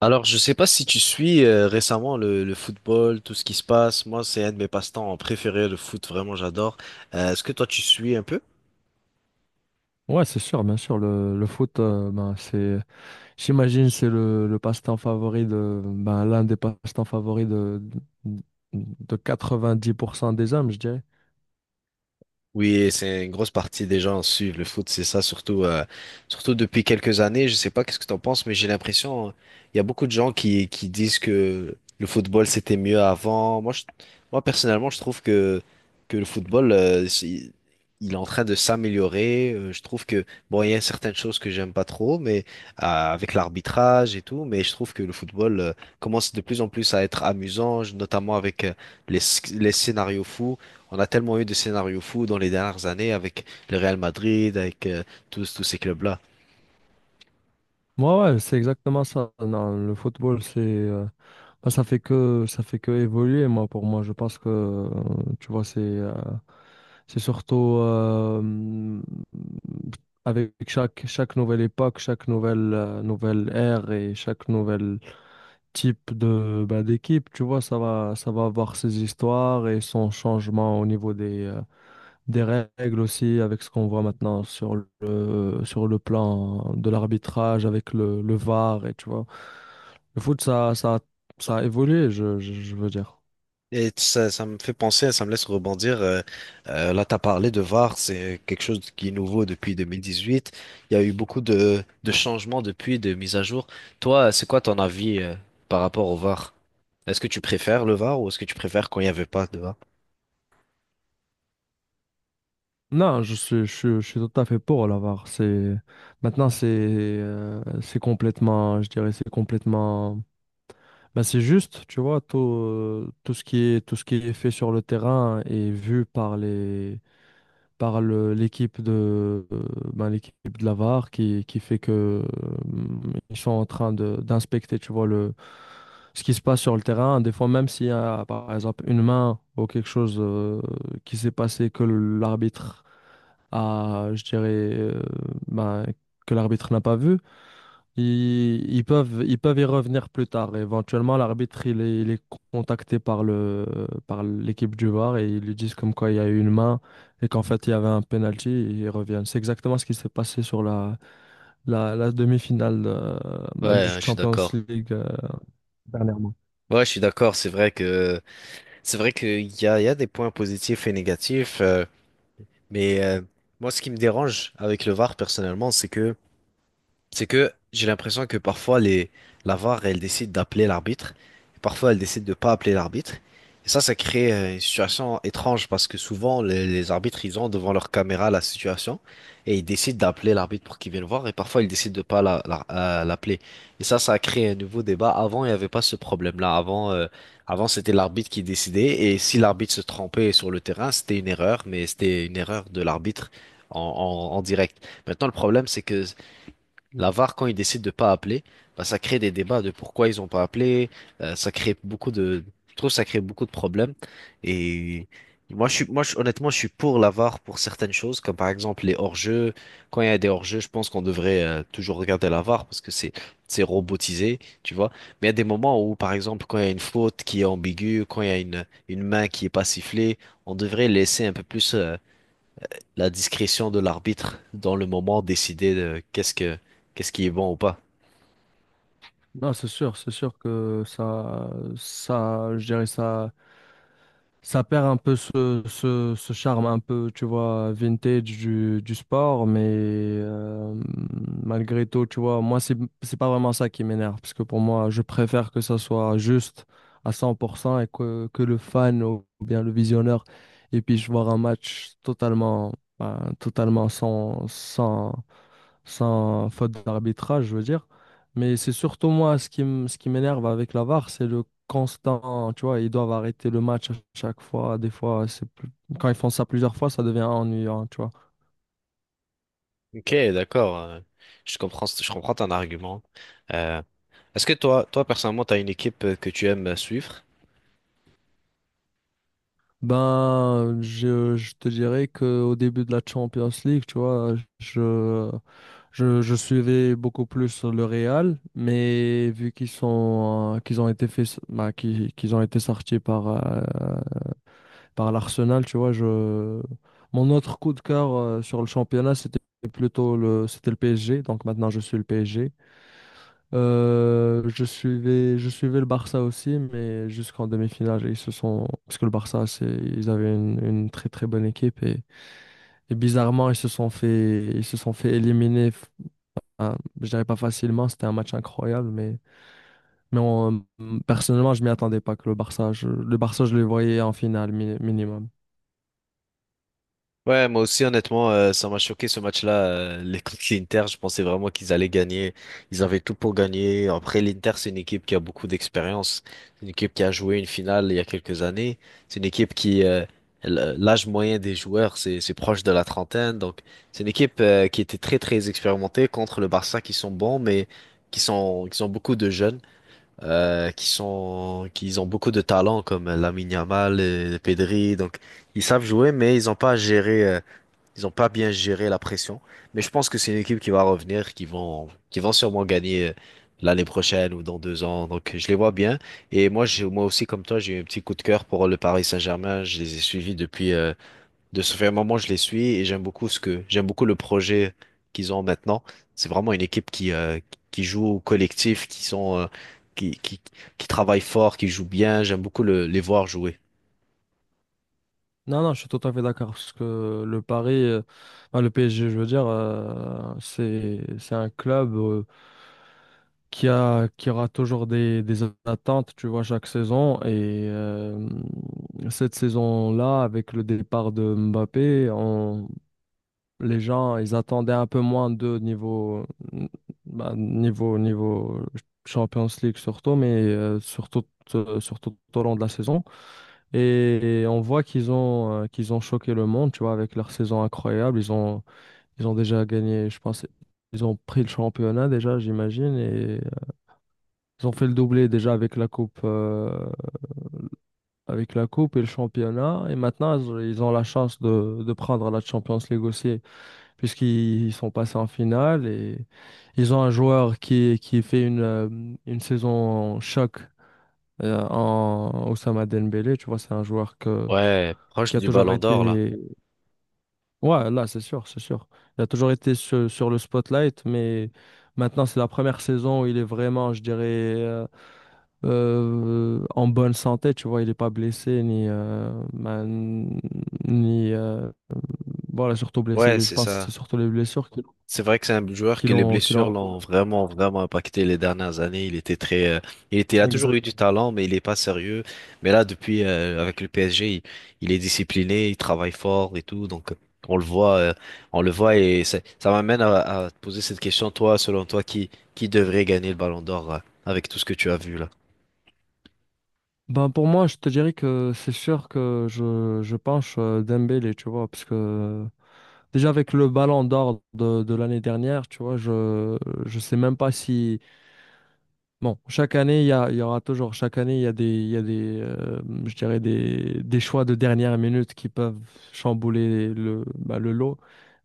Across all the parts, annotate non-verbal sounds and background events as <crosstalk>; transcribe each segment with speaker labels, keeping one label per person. Speaker 1: Alors, je sais pas si tu suis récemment le football, tout ce qui se passe. Moi, c'est un de mes passe-temps préférés, le foot, vraiment, j'adore. Est-ce que toi, tu suis un peu?
Speaker 2: Ouais, c'est sûr, bien sûr. Le foot, ben, j'imagine, c'est le passe-temps favori de, ben, l'un des passe-temps favoris de 90% des hommes, je dirais.
Speaker 1: Oui, c'est une grosse partie des gens suivent le foot, c'est ça, surtout, surtout depuis quelques années. Je sais pas qu'est-ce que t'en penses, mais j'ai l'impression, il y a beaucoup de gens qui disent que le football c'était mieux avant. Moi personnellement, je trouve que le football, il est en train de s'améliorer. Je trouve que, bon, il y a certaines choses que j'aime pas trop, mais avec l'arbitrage et tout, mais je trouve que le football commence de plus en plus à être amusant, notamment avec les, sc- les scénarios fous. On a tellement eu de scénarios fous dans les dernières années avec le Real Madrid, avec tous ces clubs-là.
Speaker 2: Moi, ouais, ouais, c'est exactement ça. Non, le football, ben, ça fait que évoluer, pour moi. Je pense que, tu vois, c'est surtout, avec chaque nouvelle époque, nouvelle ère et chaque nouvelle type de bah, d'équipe, tu vois, ça va avoir ses histoires et son changement au niveau des règles aussi, avec ce qu'on voit maintenant sur sur le plan de l'arbitrage, avec le VAR, et tu vois. Le foot, ça a évolué, je veux dire.
Speaker 1: Et ça me fait penser, ça me laisse rebondir. Là, tu as parlé de VAR, c'est quelque chose qui est nouveau depuis 2018. Il y a eu beaucoup de changements depuis, de mises à jour. Toi, c'est quoi ton avis par rapport au VAR? Est-ce que tu préfères le VAR ou est-ce que tu préfères quand il n'y avait pas de VAR?
Speaker 2: Non, je suis tout à fait pour la VAR. C'est, maintenant, c'est complètement, je dirais, c'est complètement. Ben, c'est juste, tu vois, tout ce qui est fait sur le terrain est vu par par le, l'équipe ben, l'équipe de la VAR qui fait que, euh, ils sont en train de, d'inspecter, tu vois, le, ce qui se passe sur le terrain. Des fois, même s'il y a, par exemple, une main ou quelque chose, qui s'est passé que l'arbitre a, je dirais, ben, que l'arbitre n'a pas vu, ils peuvent y revenir plus tard. Éventuellement, il est contacté par le, par l'équipe du VAR et ils lui disent comme quoi il y a eu une main et qu'en fait il y avait un penalty et ils reviennent. C'est exactement ce qui s'est passé sur la demi-finale du
Speaker 1: Ouais, je suis
Speaker 2: Champions
Speaker 1: d'accord.
Speaker 2: League dernièrement.
Speaker 1: Ouais, je suis d'accord. C'est vrai que c'est vrai qu'il y a, il y a des points positifs et négatifs. Mais moi, ce qui me dérange avec le VAR, personnellement, c'est que j'ai l'impression que parfois la VAR, elle décide d'appeler l'arbitre, et parfois elle décide de pas appeler l'arbitre. Et ça crée une situation étrange parce que souvent les arbitres, ils ont devant leur caméra la situation et ils décident d'appeler l'arbitre pour qu'il vienne voir et parfois ils décident de pas l'appeler. Et ça a créé un nouveau débat. Avant, il n'y avait pas ce problème-là. Avant, avant c'était l'arbitre qui décidait et si l'arbitre se trompait sur le terrain, c'était une erreur, mais c'était une erreur de l'arbitre en en direct. Maintenant, le problème, c'est que la VAR, quand ils décident de pas appeler, bah, ça crée des débats de pourquoi ils ont pas appelé. Ça crée beaucoup je trouve que ça crée beaucoup de problèmes. Et moi, je- honnêtement, je suis pour la VAR pour certaines choses, comme par exemple les hors-jeux. Quand il y a des hors-jeux, je pense qu'on devrait toujours regarder la VAR parce que c'est robotisé, tu vois. Mais il y a des moments où, par exemple, quand il y a une faute qui est ambiguë, quand il y a une main qui est pas sifflée, on devrait laisser un peu plus. La discrétion de l'arbitre dans le moment décider de qu'est-ce qui est bon ou pas.
Speaker 2: Non, c'est sûr que je dirais ça. Ça perd un peu ce charme un peu, tu vois, vintage du sport, mais malgré tout, tu vois, c'est pas vraiment ça qui m'énerve, parce que pour moi, je préfère que ça soit juste à 100% et que le fan ou bien le visionneur, et puis je voir un match totalement, ben, totalement sans faute d'arbitrage, je veux dire. Mais c'est surtout moi ce qui m'énerve avec la VAR, c'est le constant, tu vois, ils doivent arrêter le match à chaque fois. Des fois, quand ils font ça plusieurs fois, ça devient ennuyant, tu vois.
Speaker 1: Ok, d'accord. Je comprends ton argument. Euh, Est-ce que toi personnellement, tu as une équipe que tu aimes suivre?
Speaker 2: Ben, je te dirais qu'au début de la Champions League, tu vois, je, je suivais beaucoup plus le Real, mais vu qu'ils sont, qu'ils ont été faits, bah, qu'ils ont été sortis par, par l'Arsenal, tu vois, je... mon autre coup de cœur sur le championnat, c'était le PSG. Donc maintenant, je suis le PSG. Je suivais le Barça aussi, mais jusqu'en demi-finale, ils se sont, parce que le Barça, c'est, ils avaient une très très bonne équipe et bizarrement, ils se sont fait éliminer. Hein, je dirais pas facilement, c'était un match incroyable, mais personnellement, je m'y attendais pas que le Barça, le Barça, je les voyais en finale minimum.
Speaker 1: Ouais, moi aussi, honnêtement, ça m'a choqué ce match-là. Les <laughs> contre l'Inter, je pensais vraiment qu'ils allaient gagner. Ils avaient tout pour gagner. Après, l'Inter, c'est une équipe qui a beaucoup d'expérience. C'est une équipe qui a joué une finale il y a quelques années. C'est une équipe qui, l'âge moyen des joueurs, c'est proche de la trentaine. Donc, c'est une équipe, qui était très expérimentée contre le Barça qui sont bons, mais qui sont beaucoup de jeunes, qui ont beaucoup de talent comme Lamine Yamal et Pedri. Donc, ils savent jouer, mais ils n'ont pas à gérer. Ils ont pas bien géré la pression, mais je pense que c'est une équipe qui va revenir, qui vont sûrement gagner l'année prochaine ou dans deux ans. Donc je les vois bien. Et moi aussi, comme toi, j'ai eu un petit coup de cœur pour le Paris Saint-Germain. Je les ai suivis depuis, de ce fait un moment, je les suis et j'aime beaucoup j'aime beaucoup le projet qu'ils ont maintenant. C'est vraiment une équipe qui joue au collectif, qui, qui, qui travaille fort, qui joue bien. J'aime beaucoup les voir jouer.
Speaker 2: Non, non, je suis tout à fait d'accord parce que le PSG, je veux dire, c'est un club qui aura toujours des attentes, tu vois, chaque saison. Et cette saison-là, avec le départ de Mbappé, les gens, ils attendaient un peu moins de niveau, bah, niveau Champions League surtout, mais surtout tout au long de la saison. Et on voit qu'ils ont choqué le monde, tu vois, avec leur saison incroyable. Ils ont déjà gagné, je pense, ils ont pris le championnat déjà, j'imagine, et ils ont fait le doublé déjà avec la coupe, et le championnat. Et maintenant, ils ont la chance de prendre la Champions League aussi, puisqu'ils sont passés en finale et ils ont un joueur qui fait une saison choc en Ousama Dembélé. Tu vois, c'est un joueur que,
Speaker 1: Ouais, proche
Speaker 2: qui a
Speaker 1: du
Speaker 2: toujours
Speaker 1: Ballon d'Or là.
Speaker 2: été. Ouais, là, c'est sûr, c'est sûr. Il a toujours été sur le spotlight, mais maintenant, c'est la première saison où il est vraiment, je dirais, en bonne santé, tu vois. Il n'est pas blessé, ni, bah, n- ni voilà, surtout blessé,
Speaker 1: Ouais,
Speaker 2: lui. Je
Speaker 1: c'est
Speaker 2: pense que c'est
Speaker 1: ça.
Speaker 2: surtout les blessures qui,
Speaker 1: C'est vrai que c'est un joueur que les
Speaker 2: qui
Speaker 1: blessures
Speaker 2: l'ont.
Speaker 1: l'ont vraiment impacté les dernières années. Il était très, il a toujours
Speaker 2: Exact.
Speaker 1: eu du talent, mais il n'est pas sérieux. Mais là, depuis, avec le PSG, il est discipliné, il travaille fort et tout. Donc, on le voit, euh, on le voit et ça m'amène à te poser cette question. Toi, selon toi, qui devrait gagner le Ballon d'Or, avec tout ce que tu as vu là?
Speaker 2: Ben, pour moi, je te dirais que c'est sûr que je penche Dembélé, tu vois, parce que déjà avec le ballon d'or de l'année dernière, tu vois, je sais même pas si. Bon, chaque année, il y aura toujours, chaque année, il y a des, je dirais des choix de dernière minute qui peuvent chambouler le, bah, le lot.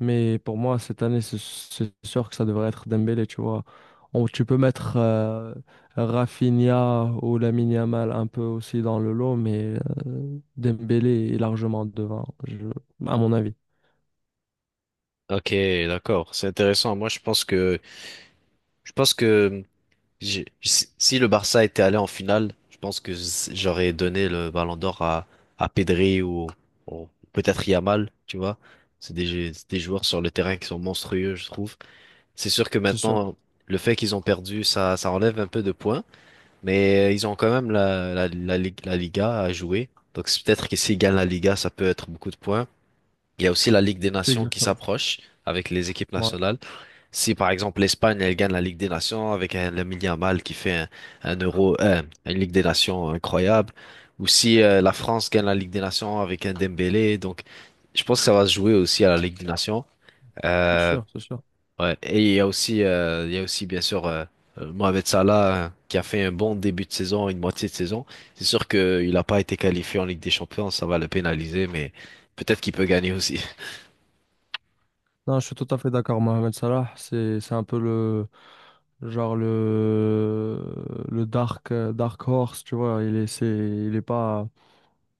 Speaker 2: Mais pour moi, cette année, c'est sûr que ça devrait être Dembélé, tu vois. Tu peux mettre Rafinha ou Lamine Yamal un peu aussi dans le lot, mais Dembélé est largement devant, à mon avis.
Speaker 1: Ok, d'accord. C'est intéressant. Moi, je pense que J'ai- Si si le Barça était allé en finale, je pense que s- j'aurais donné le Ballon d'Or à Pedri ou peut-être Yamal, tu vois. C'est des joueurs sur le terrain qui sont monstrueux, je trouve. C'est sûr que
Speaker 2: C'est sûr.
Speaker 1: maintenant, le fait qu'ils ont perdu, ça enlève un peu de points, mais ils ont quand même la Liga à jouer. Donc c'est peut-être que s'ils gagnent la Liga, ça peut être beaucoup de points. Il y a aussi la Ligue des
Speaker 2: C'est
Speaker 1: Nations qui
Speaker 2: exactement ça.
Speaker 1: s'approche avec les équipes
Speaker 2: Ouais,
Speaker 1: nationales. Si par exemple l'Espagne elle gagne la Ligue des Nations avec un Lamine Yamal qui fait un Euro, une Ligue des Nations incroyable, ou si la France gagne la Ligue des Nations avec un Dembélé, donc je pense que ça va se jouer aussi à la Ligue des Nations.
Speaker 2: c'est
Speaker 1: Euh,
Speaker 2: sûr, c'est sûr.
Speaker 1: ouais. Et il y a aussi, bien sûr Mohamed Salah qui a fait un bon début de saison, une moitié de saison. C'est sûr qu'il n'a pas été qualifié en Ligue des Champions, ça va le pénaliser, mais peut-être qu'il peut gagner aussi.
Speaker 2: Non, je suis tout à fait d'accord, Mohamed Salah, c'est un peu le dark dark horse, tu vois, il est pas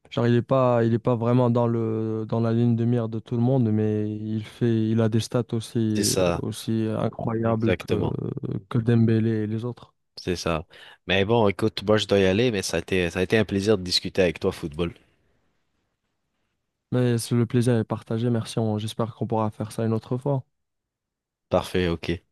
Speaker 2: il est pas vraiment dans la ligne de mire de tout le monde, mais il a des stats
Speaker 1: C'est ça,
Speaker 2: aussi incroyables
Speaker 1: exactement.
Speaker 2: que Dembélé et les autres.
Speaker 1: C'est ça. Mais bon, écoute, moi je dois y aller, mais ça a été un plaisir de discuter avec toi, football.
Speaker 2: Mais le plaisir est partagé, merci, j'espère qu'on pourra faire ça une autre fois.
Speaker 1: Parfait, ok.